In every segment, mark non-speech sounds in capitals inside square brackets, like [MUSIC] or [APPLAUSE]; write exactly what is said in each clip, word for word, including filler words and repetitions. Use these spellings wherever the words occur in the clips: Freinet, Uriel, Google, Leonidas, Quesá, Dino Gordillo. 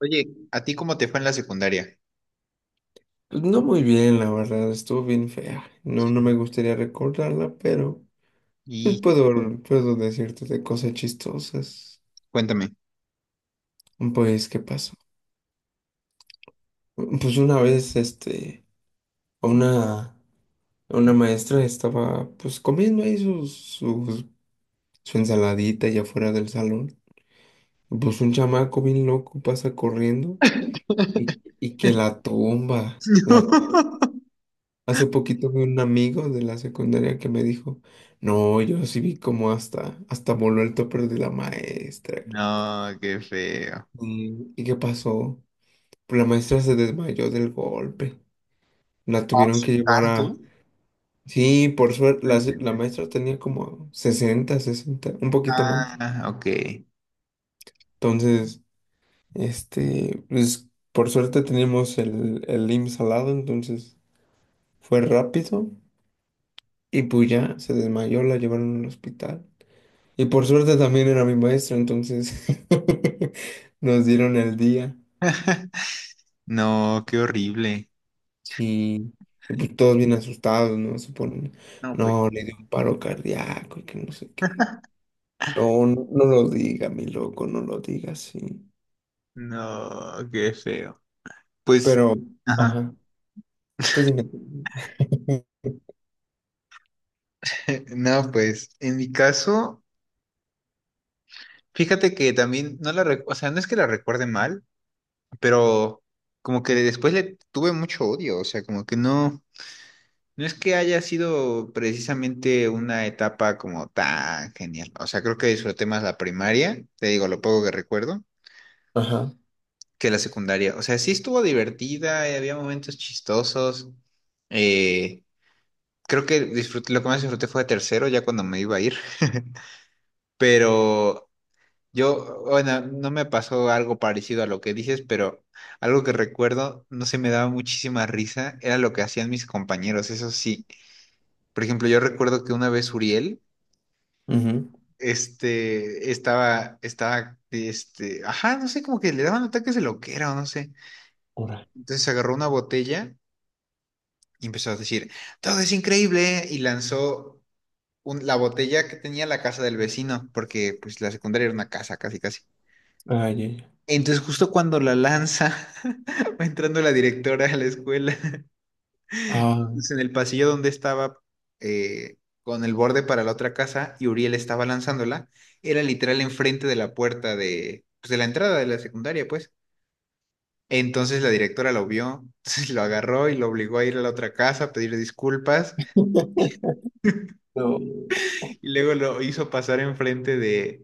Oye, ¿a ti cómo te fue en la secundaria? Pues no muy bien, la verdad, estuvo bien fea. No, Sí. no me gustaría recordarla, pero pues Y puedo, puedo decirte de cosas chistosas. cuéntame. Pues, ¿qué pasó? Pues una vez, este, una, una maestra estaba, pues, comiendo ahí sus, sus- su ensaladita allá afuera del salón. Pues un chamaco bien loco pasa corriendo y, [LAUGHS] y que la tumba, la. Hace poquito vi un amigo de la secundaria que me dijo, no, yo sí vi como hasta, hasta voló el topper de la maestra, loco. No, qué feo. ¿Y, ¿y qué pasó? Pues la maestra se desmayó del golpe. La Ah, tuvieron que llevar ¿tanto? a... Sí, por suerte, la, se- Mm. la maestra tenía como sesenta, sesenta un poquito más. Ah, ok. Entonces, este, pues por suerte teníamos el, el I M S S al lado, entonces fue rápido. Y pues ya se desmayó, la llevaron al hospital. Y por suerte también era mi maestro, entonces [LAUGHS] nos dieron el día. [LAUGHS] No, qué horrible. Sí. Y pues todos bien asustados, ¿no? Se ponen, No, pues. no, le dio un paro cardíaco y que no sé qué. No, no, no lo diga, mi loco, no lo diga, sí. No, qué feo. Pues, Pero, ajá. ajá, tú dime. [LAUGHS] [LAUGHS] No, pues, en mi caso, fíjate que también no la, rec- o sea, no es que la recuerde mal, pero como que después le tuve mucho odio, o sea, como que no. No es que haya sido precisamente una etapa como tan genial. O sea, creo que disfruté más la primaria, te digo lo poco que recuerdo, Ajá, que la secundaria. O sea, sí estuvo divertida, eh, había momentos chistosos. Eh, Creo que disfruté, lo que más disfruté fue tercero, ya cuando me iba a ir. [LAUGHS] Pero yo, bueno, no me pasó algo parecido a lo que dices, pero algo que recuerdo, no se me daba muchísima risa, era lo que hacían mis compañeros, eso sí. Por ejemplo, yo recuerdo que una vez Uriel ujú, este, estaba, estaba, este, ajá, no sé, como que le daban ataques de loquera o no sé. ora. Entonces agarró una botella y empezó a decir, todo es increíble, y lanzó un- la botella que tenía la casa del vecino, porque pues la secundaria era una casa, casi, casi. Ay, ay, ay. Entonces justo cuando la lanza, [LAUGHS] va entrando la directora a la escuela. Ah, Pues, en el pasillo donde estaba eh, con el borde para la otra casa y Uriel estaba lanzándola, era literal enfrente de la puerta de, pues, de la entrada de la secundaria, pues. Entonces la directora lo vio, [LAUGHS] entonces lo agarró y lo obligó a ir a la otra casa a pedir disculpas [LAUGHS] no. y luego lo hizo pasar enfrente de,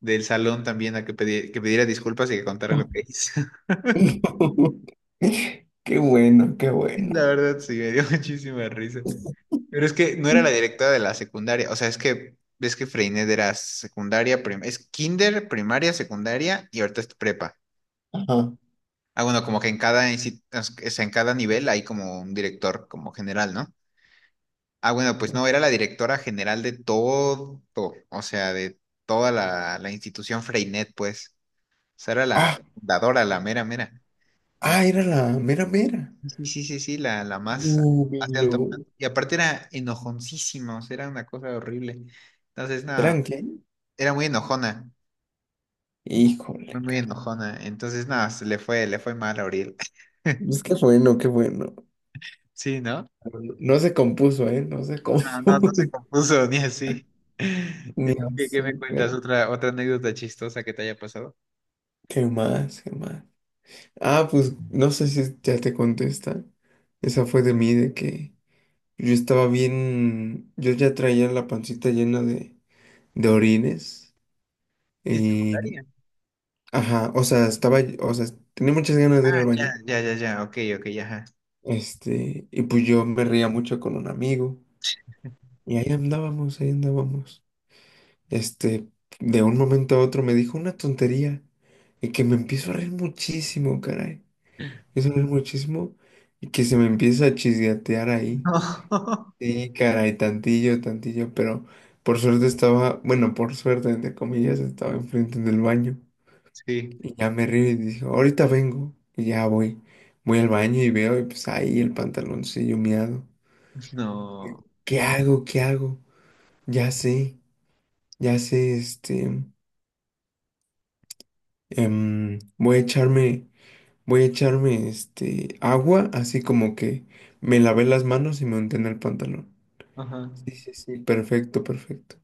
del salón también a que, pedi- que pidiera disculpas y que contara lo que hizo. [LAUGHS] [LAUGHS] Qué bueno, qué La bueno. verdad sí, me dio [LAUGHS] muchísima risa. Pero es que no era la directora de la secundaria, o sea, es que ves que Freinet era secundaria, prim- es kinder, primaria, secundaria y ahorita es prepa. Ajá. Ah, bueno, como que en cada insti- o sea, en cada nivel hay como un director como general, ¿no? Ah, bueno, pues no, era la directora general de todo, o sea, de toda la, la institución Freinet, pues. O sea, era la Ah. fundadora, la mera, mera. En- Ah, era la mera mera. sí, sí, sí, sí, la, la más, No, mi más de no. alto. Y aparte era enojoncísima, o sea, era una cosa horrible. Entonces, no. ¿Eran qué? Era muy enojona, muy, Híjole, muy cara. enojona. Entonces, nada, se le fue, le fue mal a Uriel. [LAUGHS] Pues qué bueno, qué bueno. Sí, ¿no? No, no se compuso, ¿eh? No se compuso. No, no, no se [LAUGHS] compuso ni así. [LAUGHS] ¿Y Ni tú qué, qué así, me pero... cuentas? ¿Otra, otra anécdota chistosa que te haya pasado? ¿Qué más? ¿Qué más? Ah, pues no sé si ya te contesta. Esa fue de mí, de que yo estaba bien. Yo ya traía la pancita llena de, de orines. ¿En Y. secundaria? Ajá, o sea, estaba. O sea, tenía muchas ganas de ir Ah, al ya, baño. ya, ya, ya, ok, ok, ya, ajá. Este, y pues yo me reía mucho con un amigo. Y ahí andábamos, ahí andábamos. Este, de un momento a otro me dijo una tontería. Y que me empiezo a reír muchísimo, caray. Me [LAUGHS] empiezo a reír muchísimo. Y que se me empieza a chisgatear ahí. No. Sí, caray, tantillo, tantillo. Pero por suerte estaba, bueno, por suerte, entre comillas, estaba enfrente del baño. Sí, Y ya me río y dijo, ahorita vengo. Y ya voy. Voy al baño y veo, y pues ahí el pantaloncillo miado. no. ¿Qué hago? ¿Qué hago? Ya sé, ya sé, este, em, voy a echarme, voy a echarme, este, agua, así como que me lavé las manos y me unté en el pantalón. Ajá. Sí, sí, sí, perfecto, perfecto.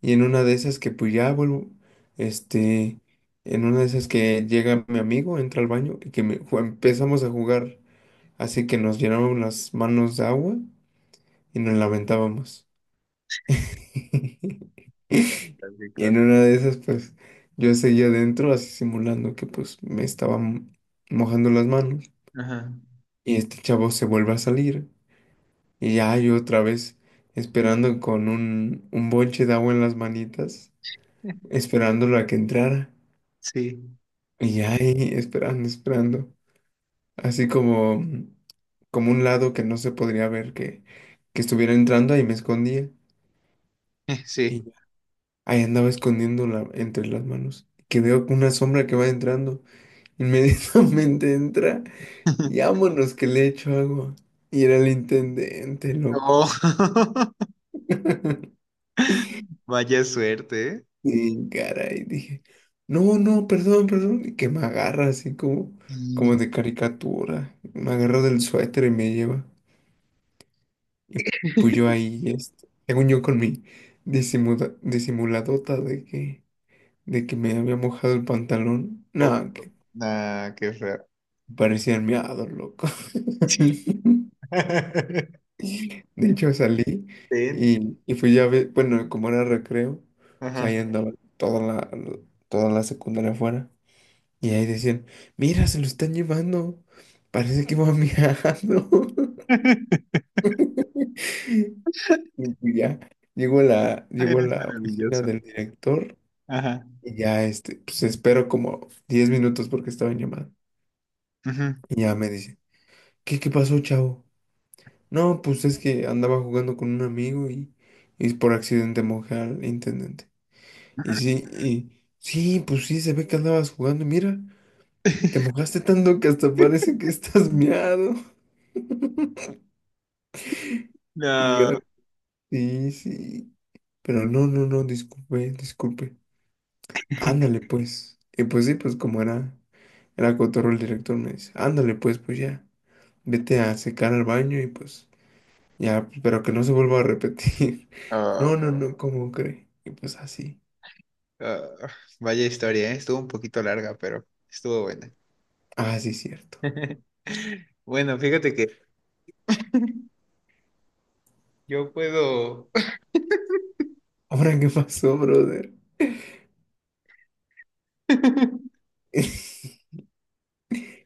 Y en una de esas que pues ya vuelvo, este, en una de esas que llega mi amigo, entra al baño y que me- ju- empezamos a jugar, así que nos llenamos las manos de agua y nos lamentábamos. [LAUGHS] Qué [LAUGHS] cosa, qué Y cosa. en una de esas, pues, yo seguía adentro así simulando que pues me estaba mo- mojando las manos. Ajá. Y este chavo se vuelve a salir. Y ya yo otra vez esperando con un, un bonche de agua en las manitas, esperándolo a que entrara. Sí, Y ya ahí esperando, esperando. Así como, mm, como un lado que no se podría ver que, que estuviera entrando, ahí me escondía. [LAUGHS] Y sí. ya, ahí andaba escondiéndola entre las manos. Que veo una sombra que va entrando. Inmediatamente [LAUGHS] entra y [LAUGHS] vámonos que le echo agua. Y era el intendente, Oh, loco. [LAUGHS] [LAUGHS] vaya suerte, ¿eh? Y caray, dije, no, no, perdón, perdón. Y que me agarra así como, como Y- de caricatura. Me agarra del suéter y me lleva. Y pues yo ahí, este, según yo con mi disimula- disimuladota de que, de que me había mojado el pantalón. oh, Nada, que nah, qué feo. parecía el miado, loco. [LAUGHS] [LAUGHS] [LAUGHS] De hecho, salí Ten. y, y fui ya ver, bueno, como era recreo, o sea, Ajá. ahí andaba toda la, toda la secundaria afuera. Y ahí decían, mira, se lo están llevando, parece que va viajando. [LAUGHS] [LAUGHS] Y pues ya, llego a la, Ay, llego a eres la oficina maravilloso. del director Ajá. y ya, este, pues espero como diez minutos porque estaba en llamada. Ujú. Y ya me dice, ¿qué, ¿qué pasó, chavo? No, pues es que andaba jugando con un amigo y, y por accidente mojé al intendente. Y sí, y sí, pues sí, se ve que andabas jugando. Mira, te [LAUGHS] mojaste tanto que hasta parece que estás miado. [LAUGHS] Y yo, No. sí, sí. Pero no, no, no, disculpe, disculpe. Ándale, pues. Y pues sí, pues como era, era cotorro el director, me dice, ándale, pues, pues ya, vete a secar al baño y pues ya, pero que no se vuelva a repetir. [LAUGHS] Ah, No, no, no, ¿cómo cree? Y pues así. ah, vaya historia, ¿eh? Estuvo un poquito larga, pero estuvo buena. Ah, sí, cierto. [LAUGHS] Bueno, fíjate que yo puedo. Ahora, ¿qué pasó, brother? [LAUGHS] [LAUGHS]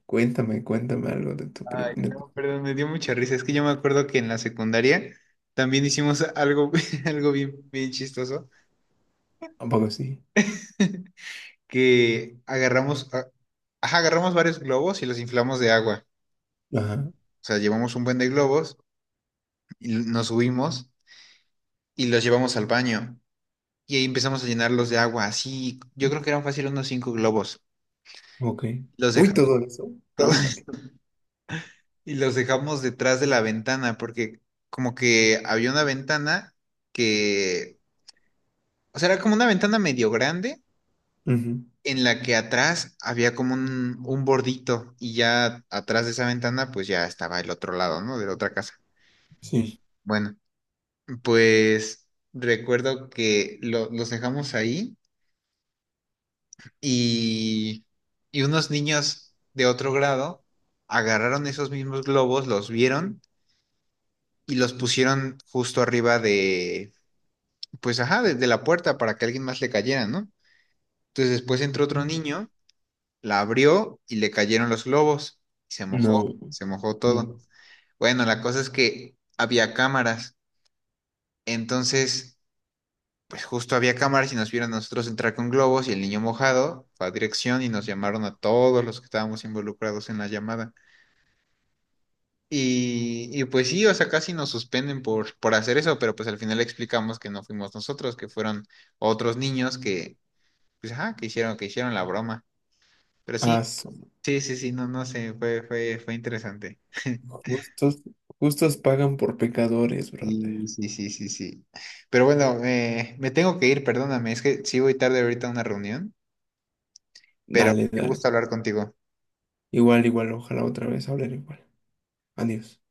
Cuéntame, cuéntame algo de tu primo. Ay, no, perdón, me dio mucha risa. Es que yo me acuerdo que en la secundaria también hicimos algo, [LAUGHS] algo bien, bien chistoso, Un poco sí. [LAUGHS] que agarramos, ah, ajá, agarramos varios globos y los inflamos de agua. Ajá, O sea, llevamos un buen de globos. Y nos subimos y los llevamos al baño. Y ahí empezamos a llenarlos de agua, así, yo creo que eran fácil unos cinco globos. ok. Los Uy, todo dejamos. eso. No, [LAUGHS] hombre. Y los dejamos detrás de la ventana, porque como que había una ventana que, o sea, era como una ventana medio grande, Ujú, en la que atrás había como un, un bordito, y ya atrás de esa ventana, pues ya estaba el otro lado, ¿no? De la otra casa. sí. Bueno, pues recuerdo que lo- los dejamos ahí. Y, y unos niños de otro grado agarraron esos mismos globos, los vieron y los pusieron justo arriba de, pues ajá, de, de la puerta para que alguien más le cayera, ¿no? Entonces después entró otro niño, la abrió y le cayeron los globos. Se No, mojó, se mojó no. todo. Bueno, la cosa es que había cámaras, entonces, pues justo había cámaras y nos vieron a nosotros entrar con globos y el niño mojado fue a dirección y nos llamaron a todos los que estábamos involucrados en la llamada. Y, y pues sí, o sea, casi nos suspenden por, por hacer eso, pero pues al final explicamos que no fuimos nosotros, que fueron otros niños que, pues, ajá, que hicieron, que hicieron la broma. Pero Ah, sí, son sí, sí, sí, no, no sé, fue, fue, fue interesante. [LAUGHS] justos, justos pagan por pecadores, brother. Sí, sí, sí, sí, sí. Pero bueno, eh, me tengo que ir, perdóname, es que sí voy tarde ahorita a una reunión, pero Dale, qué dale. gusto hablar contigo. Igual, igual, ojalá otra vez hablar igual. Adiós.